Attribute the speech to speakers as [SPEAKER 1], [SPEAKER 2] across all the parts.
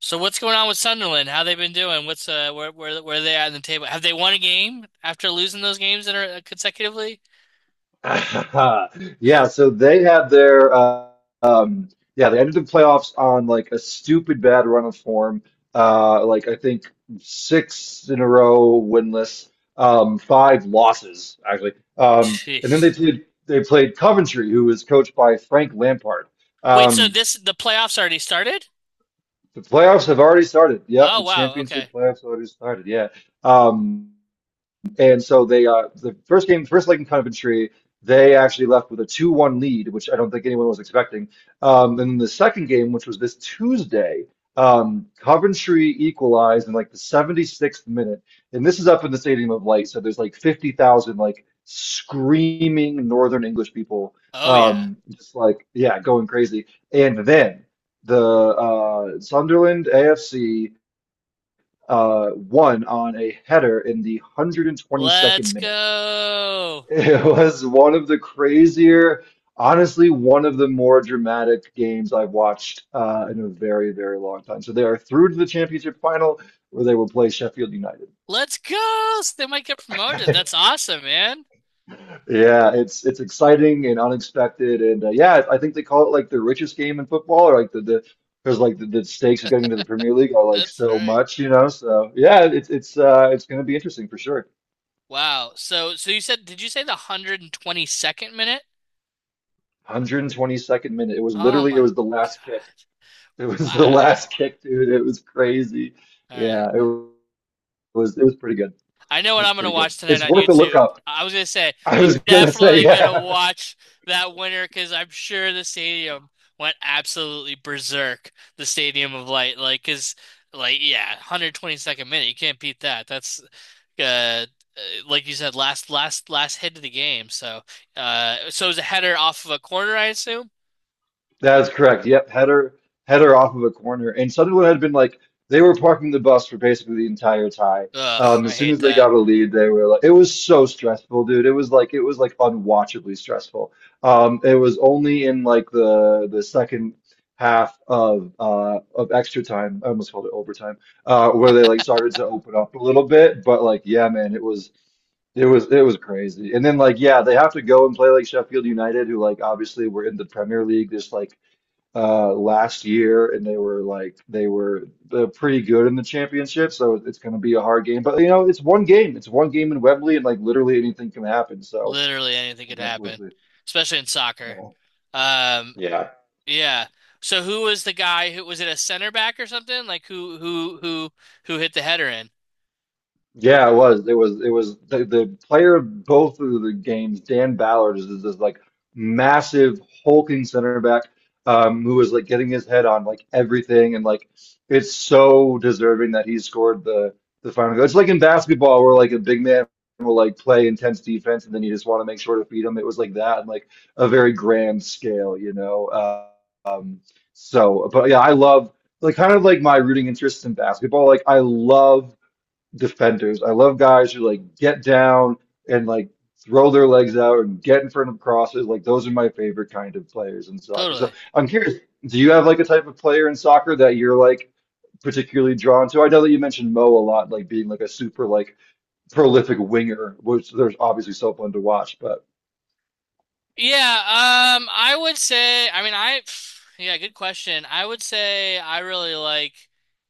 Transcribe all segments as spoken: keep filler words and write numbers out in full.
[SPEAKER 1] So what's going on with Sunderland? How they been doing? What's uh where where where are they at in the table? Have they won a game after losing those games that are uh, consecutively?
[SPEAKER 2] Yeah, so they had their uh, um yeah, they ended the playoffs on like a stupid bad run of form. Uh like I think six in a row winless, um five losses actually. Um and then they
[SPEAKER 1] Jeez.
[SPEAKER 2] played they played Coventry, who was coached by Frank Lampard.
[SPEAKER 1] Wait, so
[SPEAKER 2] Um
[SPEAKER 1] this the playoffs already started?
[SPEAKER 2] the playoffs have already started. Yep,
[SPEAKER 1] Oh
[SPEAKER 2] the
[SPEAKER 1] wow, okay.
[SPEAKER 2] championship playoffs already started. Yeah. Um and so they uh the first game, first leg in Coventry, they actually left with a two one lead, which I don't think anyone was expecting. Um, and the second game, which was this Tuesday, um, Coventry equalized in like the seventy-sixth minute. And this is up in the Stadium of Light, so there's like fifty thousand like screaming Northern English people,
[SPEAKER 1] Oh yeah.
[SPEAKER 2] um, just like yeah, going crazy. And then the uh, Sunderland A F C uh, one on a header in the one hundred twenty-second
[SPEAKER 1] Let's
[SPEAKER 2] minute.
[SPEAKER 1] go.
[SPEAKER 2] It was one of the crazier, honestly, one of the more dramatic games I've watched uh, in a very, very long time. So they are through to the championship final, where they will play Sheffield United.
[SPEAKER 1] Let's go. So they might get promoted. That's awesome, man.
[SPEAKER 2] Yeah, it's it's exciting and unexpected, and uh, yeah, I think they call it like the richest game in football, or like the the because like the, the stakes of getting into the Premier League are like
[SPEAKER 1] That's
[SPEAKER 2] so
[SPEAKER 1] right.
[SPEAKER 2] much, you know. So yeah, it's it's uh, it's going to be interesting for sure.
[SPEAKER 1] Wow. So so you said did you say the one hundred twenty-second minute?
[SPEAKER 2] one hundred twenty-second minute. It was
[SPEAKER 1] Oh
[SPEAKER 2] literally, it
[SPEAKER 1] my
[SPEAKER 2] was the last kick.
[SPEAKER 1] God.
[SPEAKER 2] It was the last
[SPEAKER 1] Wow.
[SPEAKER 2] kick, dude. It was crazy.
[SPEAKER 1] All right.
[SPEAKER 2] Yeah, it was, it was pretty good. It
[SPEAKER 1] I know what
[SPEAKER 2] was
[SPEAKER 1] I'm gonna
[SPEAKER 2] pretty good.
[SPEAKER 1] watch tonight
[SPEAKER 2] It's
[SPEAKER 1] on
[SPEAKER 2] worth a look
[SPEAKER 1] YouTube.
[SPEAKER 2] up.
[SPEAKER 1] I was gonna say
[SPEAKER 2] I
[SPEAKER 1] I'm
[SPEAKER 2] was gonna say,
[SPEAKER 1] definitely gonna
[SPEAKER 2] yeah.
[SPEAKER 1] watch that winner because I'm sure the stadium went absolutely berserk. The Stadium of Light, like, cause, like, yeah, one hundred twenty-second minute, you can't beat that. That's, uh, uh, like you said, last last last hit of the game. So, uh, so it was a header off of a corner, I assume.
[SPEAKER 2] That's correct. Yep, header header off of a corner, and Sunderland had been like they were parking the bus for basically the entire tie.
[SPEAKER 1] Ugh,
[SPEAKER 2] Um,
[SPEAKER 1] I
[SPEAKER 2] as soon
[SPEAKER 1] hate
[SPEAKER 2] as they
[SPEAKER 1] that.
[SPEAKER 2] got a lead, they were like, it was so stressful, dude. It was like it was like unwatchably stressful. Um, it was only in like the the second half of uh of extra time, I almost called it overtime, uh, where they like started to open up a little bit. But like, yeah, man, it was. It was it was crazy. And then like yeah, they have to go and play like Sheffield United, who like obviously were in the Premier League this like uh last year, and they were like they were uh, pretty good in the championship, so it's going to be a hard game. But you know, it's one game it's one game in Wembley, and like literally anything can happen. So
[SPEAKER 1] Literally anything
[SPEAKER 2] I
[SPEAKER 1] could
[SPEAKER 2] guess we'll
[SPEAKER 1] happen,
[SPEAKER 2] see.
[SPEAKER 1] especially in soccer.
[SPEAKER 2] Yeah.
[SPEAKER 1] Um,
[SPEAKER 2] Yeah.
[SPEAKER 1] Yeah. So who was the guy? Who was it a center back or something? Like who who who who hit the header in?
[SPEAKER 2] Yeah, it was. It was. It was the, the player of both of the games. Dan Ballard is, is this like massive hulking center back, um, who is like getting his head on like everything, and like it's so deserving that he scored the the final goal. It's like in basketball where like a big man will like play intense defense, and then you just want to make sure to feed him. It was like that, and like a very grand scale, you know. Uh, um, so, but yeah, I love like kind of like my rooting interests in basketball. Like I love defenders. I love guys who like get down and like throw their legs out and get in front of crosses. Like those are my favorite kind of players in soccer. So
[SPEAKER 1] Totally.
[SPEAKER 2] I'm curious, do you have like a type of player in soccer that you're like particularly drawn to? I know that you mentioned Mo a lot, like being like a super like prolific winger, which there's obviously so fun to watch. But
[SPEAKER 1] Yeah, um I would say I mean I yeah, good question. I would say I really like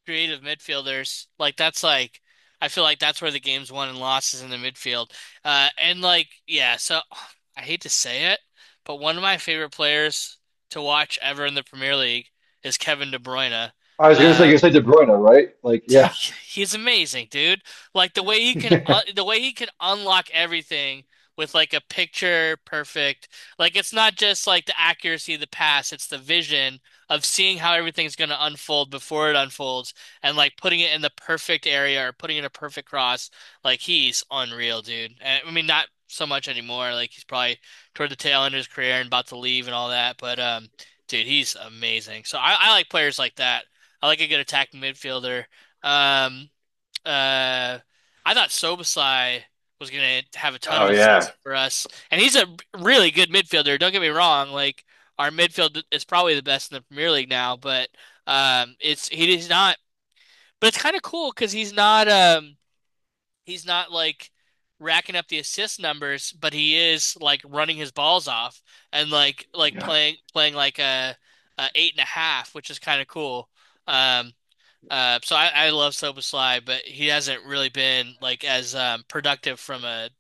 [SPEAKER 1] creative midfielders. Like that's like I feel like that's where the game's won and lost is in the midfield. Uh and like yeah, so I hate to say it, but one of my favorite players to watch ever in the Premier League is Kevin De Bruyne.
[SPEAKER 2] I was gonna say, you
[SPEAKER 1] Um
[SPEAKER 2] said De Bruyne, right? Like yeah.
[SPEAKER 1] He's amazing, dude. Like the way he can uh, the way he can unlock everything with like a picture perfect. Like it's not just like the accuracy of the pass, it's the vision of seeing how everything's going to unfold before it unfolds and like putting it in the perfect area or putting in a perfect cross. Like he's unreal, dude. And, I mean not so much anymore. Like he's probably toward the tail end of his career and about to leave and all that, but um dude, he's amazing. So I, I like players like that. I like a good attacking midfielder. Um, uh, I thought Sobasai was gonna have a ton of
[SPEAKER 2] Oh
[SPEAKER 1] assists
[SPEAKER 2] yeah.
[SPEAKER 1] for us, and he's a really good midfielder. Don't get me wrong; like our midfield is probably the best in the Premier League now, but um, it's he's not. But it's kind of cool because he's not um he's not like racking up the assist numbers, but he is like running his balls off and like like playing playing like a, a eight and a half, which is kind of cool. Um, uh, so I, I love Soba but he hasn't really been like as um, productive from a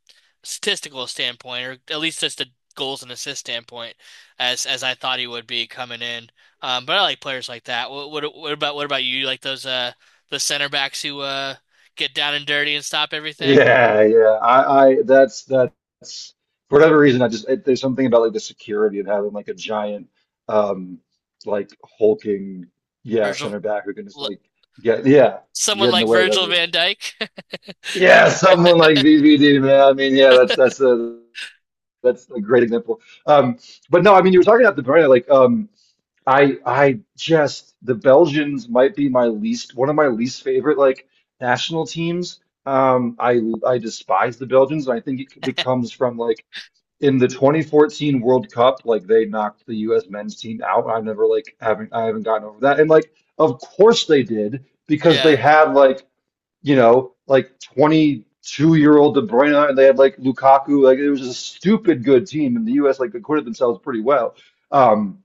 [SPEAKER 1] statistical standpoint, or at least just a goals and assist standpoint, as as I thought he would be coming in. Um, but I like players like that. What, what what about what about you? You like those uh the center backs who uh get down and dirty and stop everything?
[SPEAKER 2] Yeah, yeah. I, I that's that's for whatever reason, I just it, there's something about like the security of having like a giant um like hulking, yeah,
[SPEAKER 1] Virgil,
[SPEAKER 2] center back who can just like get yeah
[SPEAKER 1] someone
[SPEAKER 2] get in the
[SPEAKER 1] like
[SPEAKER 2] way of
[SPEAKER 1] Virgil
[SPEAKER 2] everything.
[SPEAKER 1] van Dijk.
[SPEAKER 2] Yeah, someone like V V D, man. I mean, yeah, that's that's a that's a great example. Um, but no, I mean, you were talking about the Bruyne like um. I I just, the Belgians might be my least, one of my least favorite like national teams. Um, I I despise the Belgians. And I think it becomes from like in the twenty fourteen World Cup, like they knocked the U S men's team out. I've never like, haven't I haven't gotten over that. And like of course they did because they
[SPEAKER 1] Yeah.
[SPEAKER 2] had like, you know, like, twenty-two year old De Bruyne, and they had like Lukaku. Like it was a stupid good team, and the U S like acquitted themselves pretty well. Um.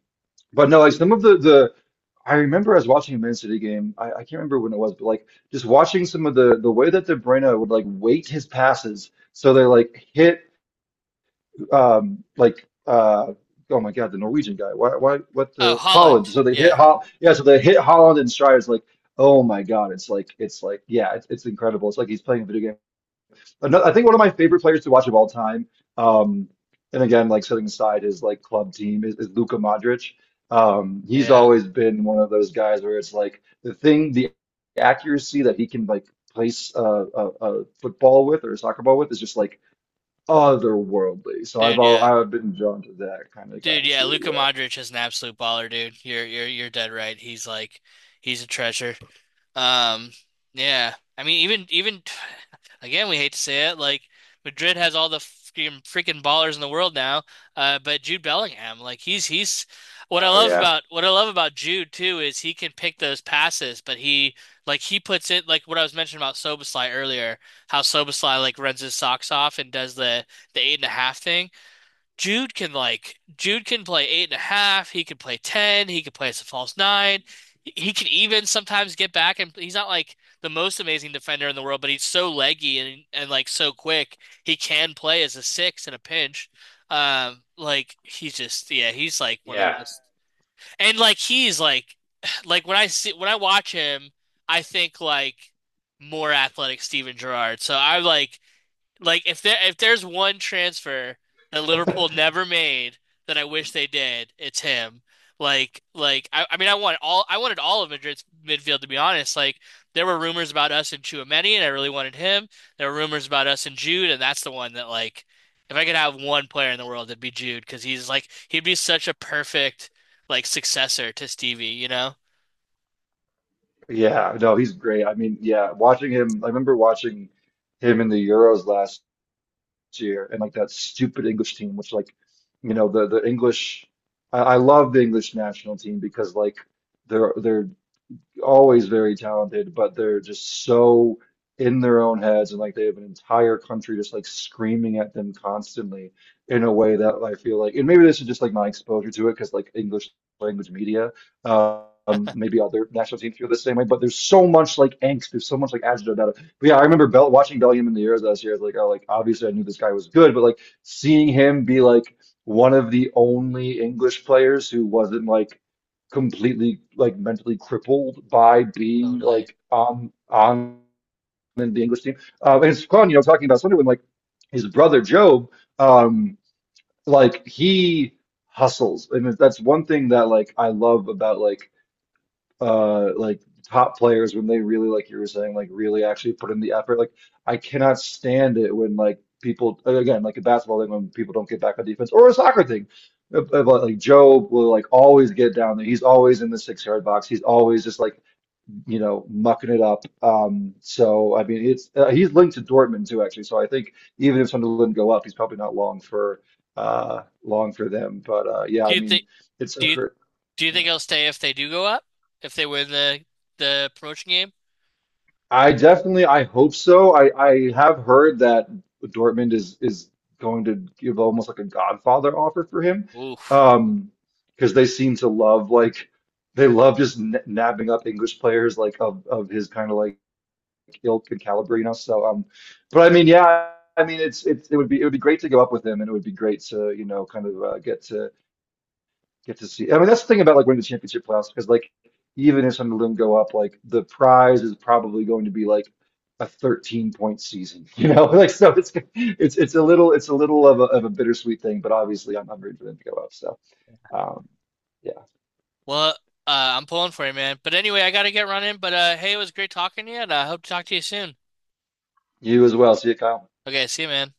[SPEAKER 2] But no, like some of the the I remember I was watching a Man City game. I, I can't remember when it was, but like, just watching some of the the way that De Bruyne would like weight his passes so they like hit um like uh oh my God, the Norwegian guy, why why what,
[SPEAKER 1] Oh,
[SPEAKER 2] the
[SPEAKER 1] Holland.
[SPEAKER 2] Holland, so they hit
[SPEAKER 1] Yeah.
[SPEAKER 2] Hol yeah so they hit Holland and Strides, like, oh my God, it's like, it's like yeah, it's it's incredible, it's like he's playing a video game. Another, I think, one of my favorite players to watch of all time, um, and again, like setting aside his like club team, is, is Luka Modric. Um, he's
[SPEAKER 1] Yeah.
[SPEAKER 2] always been one of those guys where it's like the thing, the accuracy that he can like place a, a, a football with, or a soccer ball with, is just like otherworldly. So I've
[SPEAKER 1] Dude,
[SPEAKER 2] all,
[SPEAKER 1] yeah.
[SPEAKER 2] I've been drawn to that kind of guy
[SPEAKER 1] Dude, yeah,
[SPEAKER 2] too.
[SPEAKER 1] Luka
[SPEAKER 2] Yeah.
[SPEAKER 1] Modric is an absolute baller, dude. You're you're you're dead right. He's like he's a treasure. Um, yeah. I mean, even even again, we hate to say it, like Madrid has all the freaking freaking ballers in the world now. Uh, but Jude Bellingham, like he's he's what I
[SPEAKER 2] Oh
[SPEAKER 1] love
[SPEAKER 2] yeah.
[SPEAKER 1] about what I love about Jude too is he can pick those passes, but he like he puts it like what I was mentioning about Szoboszlai earlier, how Szoboszlai like runs his socks off and does the the eight and a half thing. Jude can like Jude can play eight and a half. He can play ten. He can play as a false nine. He can even sometimes get back and he's not like the most amazing defender in the world, but he's so leggy and and like so quick. He can play as a six in a pinch. Um, like he's just yeah, he's like one of the
[SPEAKER 2] Yeah.
[SPEAKER 1] most and like he's like like when I see when I watch him, I think like more athletic Steven Gerrard. So I like like if there if there's one transfer that Liverpool never made that I wish they did, it's him. Like like I, I mean I want all I wanted all of Madrid's midfield to be honest. Like there were rumors about us and Tchouaméni and I really wanted him. There were rumors about us and Jude and that's the one that like if I could have one player in the world it'd be Jude because he's like he'd be such a perfect like successor to Stevie, you know?
[SPEAKER 2] Yeah, no, he's great. I mean, yeah, watching him, I remember watching him in the Euros last year, and like that stupid English team, which, like, you know, the the English, I, I love the English national team, because like they're they're always very talented, but they're just so in their own heads, and like they have an entire country just like screaming at them constantly, in a way that I feel like, and maybe this is just like my exposure to it because like English language media, um, maybe other national teams feel the same way. But there's so much like angst, there's so much like agita about it. But yeah, I remember Bell watching Bellingham in the Euros last year. I was like, oh, like, obviously I knew this guy was good, but like seeing him be like one of the only English players who wasn't like completely like mentally crippled by being
[SPEAKER 1] Totally.
[SPEAKER 2] like on on the English team. Uh, and it's fun, you know, talking about Sunderland, like his brother Job, um, like he hustles, and that's one thing that like I love about like uh like top players when they really like, you were saying, like really actually put in the effort. Like I cannot stand it when like people, again like a basketball thing, when people don't get back on defense, or a soccer thing. If- if, Like Joe will like always get down there, he's always in the six yard box, he's always just like, you know, mucking it up. Um so I mean, it's uh, he's linked to Dortmund too, actually. So I think even if Sunderland didn't go up, he's probably not long for uh long for them. But uh yeah,
[SPEAKER 1] Do
[SPEAKER 2] I
[SPEAKER 1] you
[SPEAKER 2] mean,
[SPEAKER 1] think
[SPEAKER 2] it's a
[SPEAKER 1] do you
[SPEAKER 2] hurt.
[SPEAKER 1] do you think he'll stay if they do go up? If they win the the promotion game?
[SPEAKER 2] I definitely, I hope so. I, I have heard that Dortmund is is going to give almost like a Godfather offer for him,
[SPEAKER 1] Oof.
[SPEAKER 2] um, because they seem to love like they love just n nabbing up English players like of of his kind of like ilk and caliber, you know. So um, but I mean, yeah, I mean, it's it's it would be it would be great to go up with him, and it would be great to, you know, kind of uh, get to get to see. I mean, that's the thing about like winning the championship playoffs, because like even if some of them go up, like the prize is probably going to be like a thirteen point season, you know? Like so, it's it's it's a little it's a little of a of a bittersweet thing, but obviously I'm, I'm rooting for them to go up. So um, yeah,
[SPEAKER 1] Well, uh, I'm pulling for you, man. But anyway, I gotta get running. But uh, hey, it was great talking to you, and I hope to talk to you soon.
[SPEAKER 2] you as well. See you, Kyle.
[SPEAKER 1] Okay, see you, man.